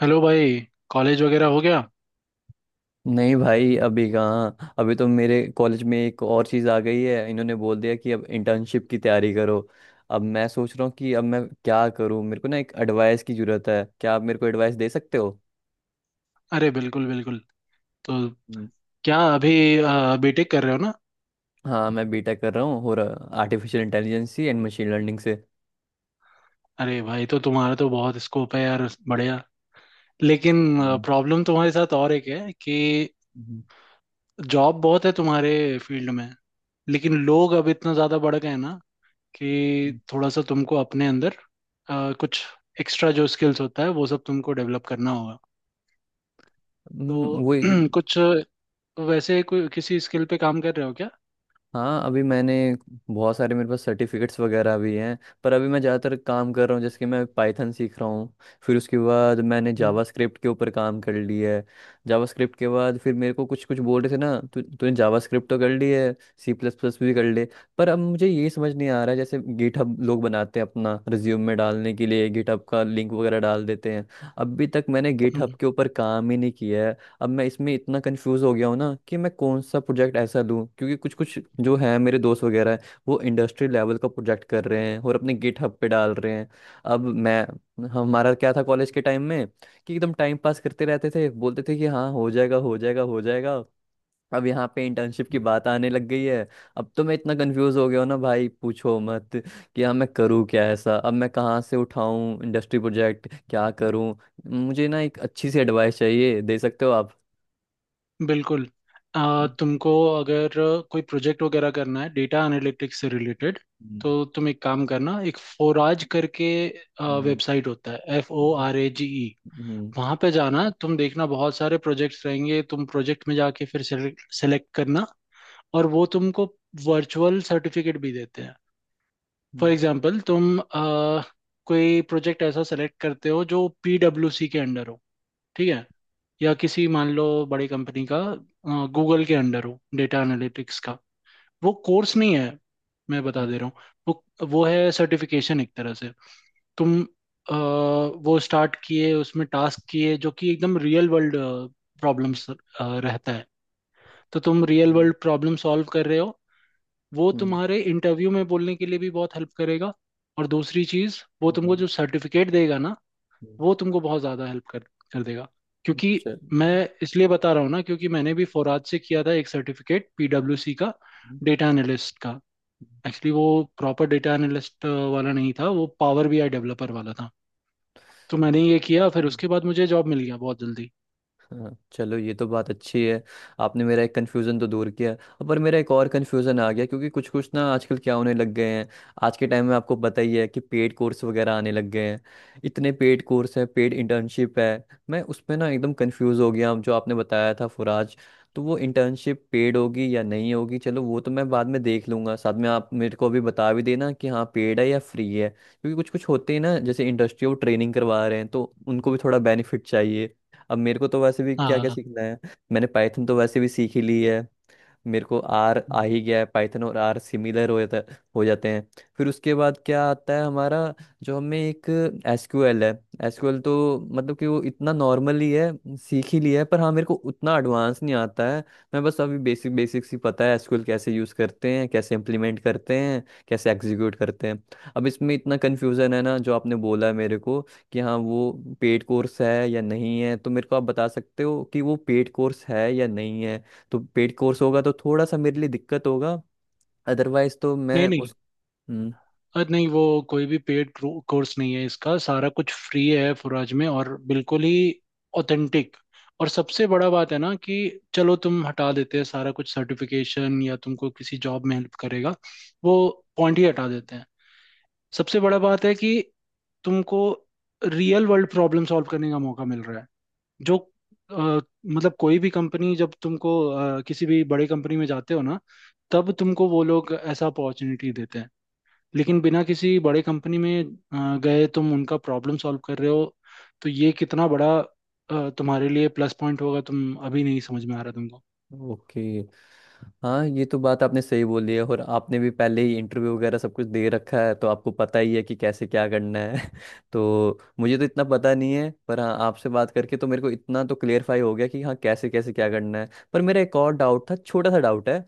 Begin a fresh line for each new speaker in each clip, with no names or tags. Hello भाई। College वगैरह हो गया?
नहीं भाई, अभी कहाँ। अभी तो मेरे कॉलेज में एक और चीज़ आ गई है। इन्होंने बोल दिया कि अब इंटर्नशिप की तैयारी करो। अब मैं सोच रहा हूँ कि अब मैं क्या करूँ। मेरे को ना एक एडवाइस की ज़रूरत है। क्या आप मेरे को एडवाइस दे सकते हो?
अरे बिल्कुल बिल्कुल। तो
हम्म।
क्या अभी बीटेक कर रहे हो ना?
हाँ, मैं बीटेक कर रहा हूँ, और artificial intelligence and machine learning से।
अरे भाई तो तुम्हारा तो बहुत स्कोप है यार, बढ़िया। लेकिन
हम्म।
प्रॉब्लम तुम्हारे साथ और एक है कि
हम्म।
जॉब बहुत है तुम्हारे फील्ड में, लेकिन लोग अब इतना ज़्यादा बढ़ गए हैं ना कि
हम्म।
थोड़ा सा तुमको अपने अंदर कुछ एक्स्ट्रा जो स्किल्स होता है वो सब तुमको डेवलप करना होगा। तो
वही।
कुछ वैसे कोई किसी स्किल पे काम कर रहे हो क्या?
हाँ अभी मैंने, बहुत सारे मेरे पास सर्टिफिकेट्स वगैरह भी हैं। पर अभी मैं ज़्यादातर काम कर रहा हूँ, जैसे कि मैं पाइथन सीख रहा हूँ। फिर उसके बाद मैंने
हम्म
जावास्क्रिप्ट के ऊपर काम कर लिया है। जावास्क्रिप्ट के बाद फिर मेरे को कुछ कुछ बोल रहे थे ना, तू तूने जावास्क्रिप्ट तो कर ली है, सी प्लस प्लस भी कर ले। पर अब मुझे ये समझ नहीं आ रहा है, जैसे गिटहब लोग बनाते हैं, अपना रिज्यूम में डालने के लिए गिटहब का लिंक वगैरह डाल देते हैं। अभी तक मैंने गिटहब
हम्म।
के ऊपर काम ही नहीं किया है। अब मैं इसमें इतना कंफ्यूज हो गया हूँ ना कि मैं कौन सा प्रोजेक्ट ऐसा लूँ, क्योंकि कुछ कुछ जो है मेरे दोस्त वगैरह हैं। वो इंडस्ट्री लेवल का प्रोजेक्ट कर रहे हैं और अपने गिटहब पे डाल रहे हैं। अब मैं हमारा क्या था कॉलेज के टाइम में, कि एकदम टाइम पास करते रहते थे, बोलते थे कि हाँ हो जाएगा, हो जाएगा, हो जाएगा। अब यहाँ पे इंटर्नशिप की बात आने लग गई है। अब तो मैं इतना कंफ्यूज हो गया हूँ ना भाई, पूछो मत। कि हाँ मैं करूँ क्या ऐसा? अब मैं कहाँ से उठाऊँ इंडस्ट्री प्रोजेक्ट? क्या करूँ? मुझे ना एक अच्छी सी एडवाइस चाहिए। दे सकते हो आप?
बिल्कुल।
चल।
तुमको अगर कोई प्रोजेक्ट वगैरह करना है डेटा एनालिटिक्स से रिलेटेड, तो तुम एक काम करना, एक फोराज करके वेबसाइट होता है, FORAGE। वहाँ पे जाना, तुम देखना बहुत सारे प्रोजेक्ट्स रहेंगे, तुम प्रोजेक्ट में जाके फिर सेलेक्ट करना। और वो तुमको वर्चुअल सर्टिफिकेट भी देते हैं। फॉर एग्जांपल तुम कोई प्रोजेक्ट ऐसा सेलेक्ट करते हो जो पीडब्ल्यूसी के अंडर हो। ठीक है? या किसी, मान लो, बड़ी कंपनी का, गूगल के अंडर हो, डेटा एनालिटिक्स का। वो कोर्स नहीं है मैं बता दे रहा हूँ। वो है सर्टिफिकेशन एक तरह से। तुम वो स्टार्ट किए, उसमें टास्क किए जो कि एकदम रियल वर्ल्ड प्रॉब्लम्स रहता है। तो तुम रियल वर्ल्ड प्रॉब्लम सॉल्व कर रहे हो। वो तुम्हारे इंटरव्यू में बोलने के लिए भी बहुत हेल्प करेगा। और दूसरी चीज़, वो तुमको जो सर्टिफिकेट देगा ना, वो तुमको बहुत ज़्यादा हेल्प कर कर देगा। क्योंकि मैं इसलिए बता रहा हूँ ना, क्योंकि मैंने भी फोराज से किया था एक सर्टिफिकेट पीडब्ल्यूसी का, डेटा एनालिस्ट का। एक्चुअली वो प्रॉपर डेटा एनालिस्ट वाला नहीं था, वो पावर बीआई डेवलपर वाला था। तो मैंने ये किया, फिर उसके बाद मुझे जॉब मिल गया बहुत जल्दी।
हाँ चलो, ये तो बात अच्छी है। आपने मेरा एक कन्फ्यूज़न तो दूर किया। अब पर मेरा एक और कन्फ्यूज़न आ गया, क्योंकि कुछ कुछ ना आजकल क्या होने लग गए हैं। आज के टाइम में आपको पता ही है कि पेड कोर्स वगैरह आने लग गए हैं। इतने पेड कोर्स हैं, पेड इंटर्नशिप है। मैं उसमें ना एकदम कन्फ्यूज़ हो गया। जो आपने बताया था फुराज, तो वो इंटर्नशिप पेड होगी या नहीं होगी? चलो, वो तो मैं बाद में देख लूंगा। साथ में आप मेरे को अभी बता भी देना कि हाँ पेड है या फ्री है, क्योंकि कुछ कुछ होते हैं ना, जैसे इंडस्ट्री, वो ट्रेनिंग करवा रहे हैं तो उनको भी थोड़ा बेनिफिट चाहिए। अब मेरे को तो वैसे भी क्या क्या
हाँ।
सीखना है। मैंने पाइथन तो वैसे भी सीख ही ली है। मेरे को आर आ ही गया है। पाइथन और आर सिमिलर हो जाता, हो जाते हैं। फिर उसके बाद क्या आता है हमारा, जो हमें एक, एसक्यूएल है। एसक्यूएल तो मतलब कि वो इतना नॉर्मल ही है, सीख ही लिया है, पर हाँ मेरे को उतना एडवांस नहीं आता है। मैं बस अभी बेसिक, बेसिक्स ही पता है एसक्यूएल कैसे यूज़ करते हैं, कैसे इम्प्लीमेंट करते हैं, कैसे एग्जीक्यूट करते हैं। अब इसमें इतना कन्फ्यूज़न है ना, जो आपने बोला है मेरे को, कि हाँ वो पेड कोर्स है या नहीं है। तो मेरे को आप बता सकते हो कि वो पेड कोर्स है या नहीं है? तो पेड कोर्स होगा तो थोड़ा सा मेरे लिए दिक्कत होगा। अदरवाइज तो मैं
नहीं नहीं।
उस। हम्म।
अरे नहीं, वो कोई भी पेड कोर्स नहीं है, इसका सारा कुछ फ्री है फुराज में, और बिल्कुल ही ऑथेंटिक। और सबसे बड़ा बात है ना कि चलो तुम हटा देते हैं, सारा कुछ सर्टिफिकेशन या तुमको किसी जॉब में हेल्प करेगा, वो पॉइंट ही हटा देते हैं। सबसे बड़ा बात है कि तुमको रियल वर्ल्ड प्रॉब्लम सॉल्व करने का मौका मिल रहा है जो, अ, मतलब कोई भी कंपनी, जब तुमको किसी भी बड़ी कंपनी में जाते हो ना, तब तुमको वो लोग ऐसा अपॉर्चुनिटी देते हैं। लेकिन बिना किसी बड़े कंपनी में गए तुम उनका प्रॉब्लम सॉल्व कर रहे हो, तो ये कितना बड़ा तुम्हारे लिए प्लस पॉइंट होगा, तुम अभी नहीं समझ में आ रहा तुमको।
ओके। हाँ ये तो बात आपने सही बोली है, और आपने भी पहले ही इंटरव्यू वगैरह सब कुछ दे रखा है तो आपको पता ही है कि कैसे क्या करना है। तो मुझे तो इतना पता नहीं है, पर हाँ आपसे बात करके तो मेरे को इतना तो क्लियरफाई हो गया कि हाँ कैसे कैसे क्या करना है। पर मेरा एक और डाउट था, छोटा सा डाउट है।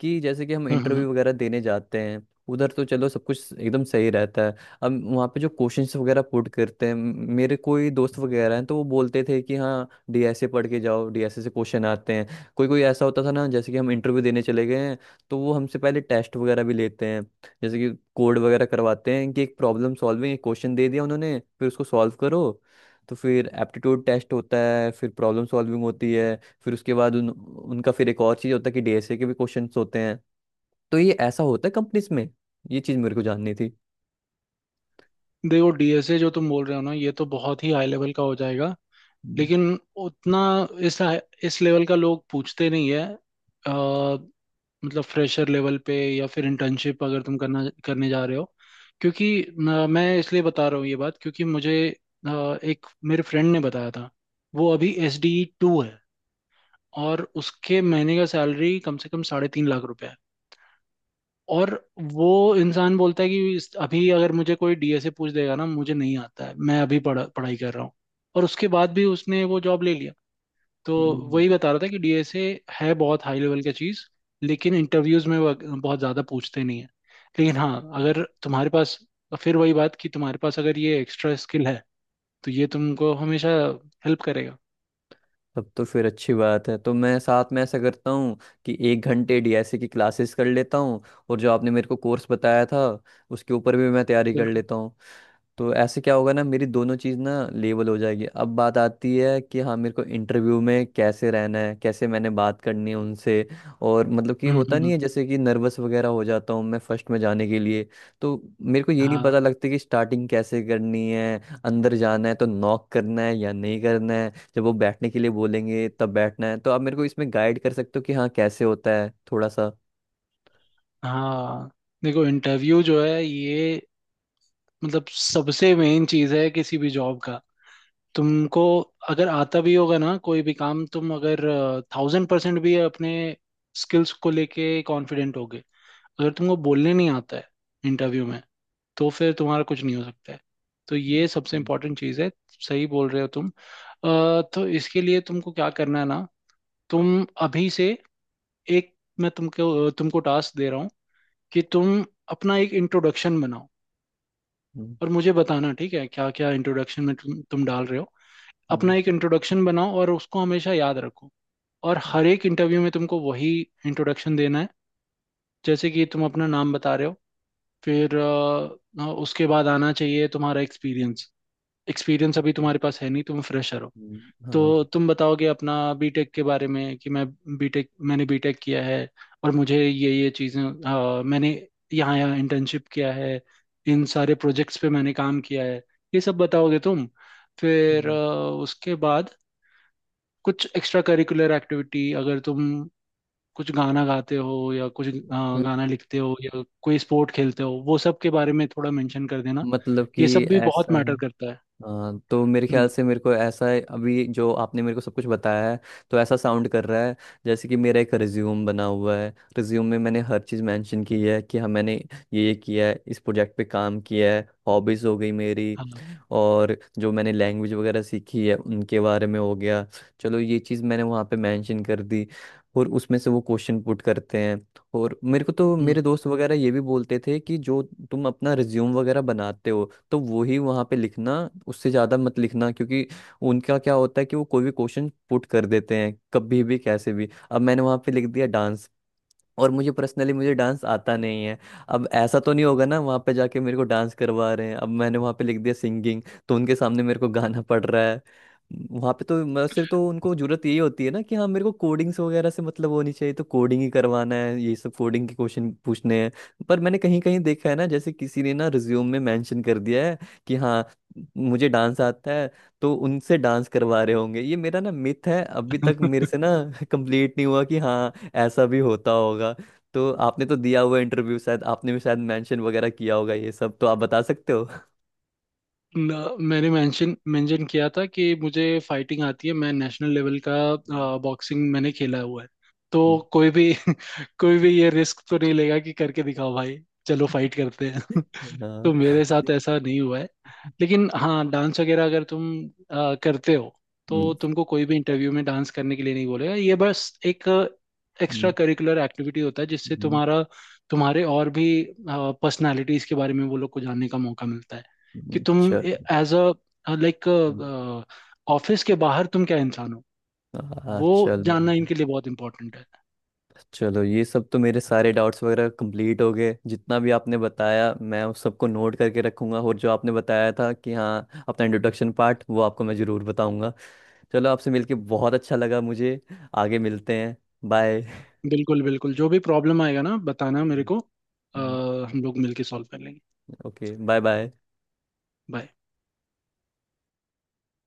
कि जैसे कि हम
हम्म हम्म।
इंटरव्यू वगैरह देने जाते हैं, उधर तो चलो सब कुछ एकदम सही रहता है। अब वहाँ पे जो क्वेश्चंस वगैरह पुट करते हैं, मेरे कोई दोस्त वगैरह हैं तो वो बोलते थे कि हाँ डीएसए पढ़ के जाओ, डीएसए से क्वेश्चन आते हैं। कोई कोई ऐसा होता था ना, जैसे कि हम इंटरव्यू देने चले गए हैं, तो वो हमसे पहले टेस्ट वगैरह भी लेते हैं। जैसे कि कोड वगैरह करवाते हैं कि एक प्रॉब्लम सॉल्विंग, एक क्वेश्चन दे दिया उन्होंने, फिर उसको सॉल्व करो। तो फिर एप्टीट्यूड टेस्ट होता है, फिर प्रॉब्लम सॉल्विंग होती है। फिर उसके बाद उनका फिर एक और चीज़ होता है कि डीएसए के भी क्वेश्चंस होते हैं। तो ये ऐसा होता है कंपनीज में। ये चीज़ मेरे को जाननी थी।
देखो डीएसए जो तुम बोल रहे हो ना, ये तो बहुत ही हाई लेवल का हो जाएगा।
हम्म।
लेकिन उतना इस इस लेवल का लोग पूछते नहीं है। मतलब फ्रेशर लेवल पे, या फिर इंटर्नशिप अगर तुम करना करने जा रहे हो। क्योंकि मैं इसलिए बता रहा हूँ ये बात क्योंकि मुझे अ, एक मेरे फ्रेंड ने बताया था। वो अभी SD2 है और उसके महीने का सैलरी कम से कम 3.5 लाख रुपए है। और वो इंसान बोलता है कि अभी अगर मुझे कोई डीएसए पूछ देगा ना, मुझे नहीं आता है, मैं अभी पढ़ा पढ़ाई कर रहा हूँ। और उसके बाद भी उसने वो जॉब ले लिया। तो
हम्म।
वही बता रहा था कि डीएसए है बहुत हाई लेवल की चीज़। लेकिन इंटरव्यूज में वो बहुत ज़्यादा पूछते नहीं है। लेकिन हाँ, अगर तुम्हारे पास, फिर वही बात कि तुम्हारे पास अगर ये एक्स्ट्रा स्किल है, तो ये तुमको हमेशा हेल्प करेगा।
तब तो फिर अच्छी बात है, तो मैं साथ में ऐसा करता हूँ कि एक घंटे डीएसए की क्लासेस कर लेता हूँ, और जो आपने मेरे को कोर्स बताया था, उसके ऊपर भी मैं तैयारी कर
बिल्कुल।
लेता हूँ। तो ऐसे क्या होगा ना, मेरी दोनों चीज़ ना लेवल हो जाएगी। अब बात आती है कि हाँ मेरे को इंटरव्यू में कैसे रहना है, कैसे मैंने बात करनी है उनसे। और मतलब कि
हम्म हम्म,
होता नहीं
हम्म।
है, जैसे कि नर्वस वगैरह हो जाता हूँ मैं फर्स्ट में जाने के लिए। तो मेरे को ये नहीं
हाँ
पता लगता कि स्टार्टिंग कैसे करनी है। अंदर जाना है तो नॉक करना है या नहीं करना है? जब वो बैठने के लिए बोलेंगे तब बैठना है? तो आप मेरे को इसमें गाइड कर सकते हो कि हाँ कैसे होता है, थोड़ा सा?
हाँ। देखो इंटरव्यू जो है ये, मतलब सबसे मेन चीज़ है किसी भी जॉब का। तुमको अगर आता भी होगा ना कोई भी काम, तुम अगर 1000% भी अपने स्किल्स को लेके कॉन्फिडेंट हो, अगर तुमको बोलने नहीं आता है इंटरव्यू में, तो फिर तुम्हारा कुछ नहीं हो सकता है। तो ये सबसे
हम्म।
इम्पोर्टेंट चीज़ है। सही बोल रहे हो तुम। तो इसके लिए तुमको क्या करना है ना, तुम अभी से एक, मैं तुमको तुमको टास्क दे रहा हूँ कि तुम अपना एक इंट्रोडक्शन बनाओ।
हम्म।
और मुझे बताना ठीक है क्या क्या इंट्रोडक्शन में तुम डाल रहे हो। अपना
हम्म।
एक इंट्रोडक्शन बनाओ और उसको हमेशा याद रखो। और हर एक इंटरव्यू में तुमको वही इंट्रोडक्शन देना है। जैसे कि तुम अपना नाम बता रहे हो, फिर उसके बाद आना चाहिए तुम्हारा एक्सपीरियंस। एक्सपीरियंस अभी
हम्म।
तुम्हारे पास है नहीं, तुम फ्रेशर हो।
हाँ।
तो तुम बताओगे अपना बीटेक के बारे में कि मैं बीटेक मैंने बीटेक किया है और मुझे ये चीज़ें, मैंने यहाँ यहाँ इंटर्नशिप किया है, इन सारे प्रोजेक्ट्स पे मैंने काम किया है, ये सब बताओगे तुम। फिर
हम्म।
उसके बाद कुछ एक्स्ट्रा करिकुलर एक्टिविटी, अगर तुम कुछ गाना गाते हो या कुछ गाना लिखते हो या कोई स्पोर्ट खेलते हो, वो सब के बारे में थोड़ा मेंशन कर देना।
मतलब
ये
कि
सब भी बहुत
ऐसा
मैटर
है।
करता है।
हाँ तो मेरे
हम्म।
ख्याल से मेरे को ऐसा है, अभी जो आपने मेरे को सब कुछ बताया है, तो ऐसा साउंड कर रहा है जैसे कि मेरा एक रिज्यूम बना हुआ है, रिज्यूम में मैंने हर चीज़ मेंशन की है कि हाँ मैंने ये किया है, इस प्रोजेक्ट पे काम किया है, हॉबीज़ हो गई मेरी,
हाँ।
और जो मैंने लैंग्वेज वगैरह सीखी है उनके बारे में हो गया। चलो, ये चीज़ मैंने वहाँ पे मेंशन कर दी, और उसमें से वो क्वेश्चन पुट करते हैं। और मेरे को तो
हम्म।
मेरे दोस्त वगैरह ये भी बोलते थे कि जो तुम अपना रिज्यूम वगैरह बनाते हो तो वो ही वहाँ पे लिखना, उससे ज़्यादा मत लिखना, क्योंकि उनका क्या होता है कि वो कोई भी क्वेश्चन पुट कर देते हैं, कभी भी, कैसे भी। अब मैंने वहाँ पे लिख दिया डांस, और मुझे पर्सनली, मुझे डांस आता नहीं है। अब ऐसा तो नहीं होगा ना वहाँ पे जाके मेरे को डांस करवा रहे हैं। अब मैंने वहाँ पे लिख दिया सिंगिंग, तो उनके सामने मेरे को गाना पड़ रहा है। वहाँ पे तो मतलब सिर्फ तो उनको जरूरत यही होती है ना कि हाँ मेरे को कोडिंग्स वगैरह से मतलब होनी चाहिए, तो कोडिंग ही करवाना है, ये सब कोडिंग के क्वेश्चन पूछने हैं। पर मैंने कहीं कहीं देखा है ना, जैसे किसी ने ना रिज्यूम में मेंशन कर दिया है कि हाँ मुझे डांस आता है, तो उनसे डांस करवा रहे होंगे। ये मेरा ना मिथ है, अभी तक मेरे से ना कंप्लीट नहीं हुआ कि हाँ ऐसा भी होता होगा। तो आपने तो दिया हुआ इंटरव्यू, शायद आपने भी शायद मेंशन वगैरह किया होगा, ये सब तो आप बता सकते हो।
मैंने मेंशन मेंशन किया था कि मुझे फाइटिंग आती है, मैं नेशनल लेवल का
हम्म।
बॉक्सिंग मैंने खेला हुआ है। तो कोई भी कोई भी ये रिस्क तो नहीं लेगा कि करके दिखाओ भाई, चलो फाइट करते हैं। तो
हाँ।
मेरे साथ ऐसा नहीं हुआ है। लेकिन हाँ डांस वगैरह अगर तुम करते हो, तो
हम्म।
तुमको कोई भी इंटरव्यू में डांस करने के लिए नहीं बोलेगा। ये बस एक एक्स्ट्रा
हम्म।
करिकुलर एक्टिविटी होता है जिससे
हम्म।
तुम्हारा, तुम्हारे और भी पर्सनालिटीज के बारे में वो लोग को जानने का मौका मिलता है कि तुम
चल।
As a like
hmm,
office के बाहर तुम क्या इंसान हो।
हाँ
वो
चलो।
जानना इनके लिए बहुत इंपॉर्टेंट है।
चलो, ये सब तो मेरे सारे डाउट्स वगैरह कंप्लीट हो गए, जितना भी आपने बताया मैं उस सबको नोट करके रखूंगा, और जो आपने बताया था कि हाँ अपना इंट्रोडक्शन पार्ट, वो आपको मैं ज़रूर बताऊंगा। चलो, आपसे मिलके बहुत अच्छा लगा मुझे। आगे मिलते हैं। बाय।
बिल्कुल बिल्कुल, जो भी प्रॉब्लम आएगा ना बताना मेरे को, हम लोग मिलके सॉल्व कर लेंगे।
Okay bye bye.
Bye.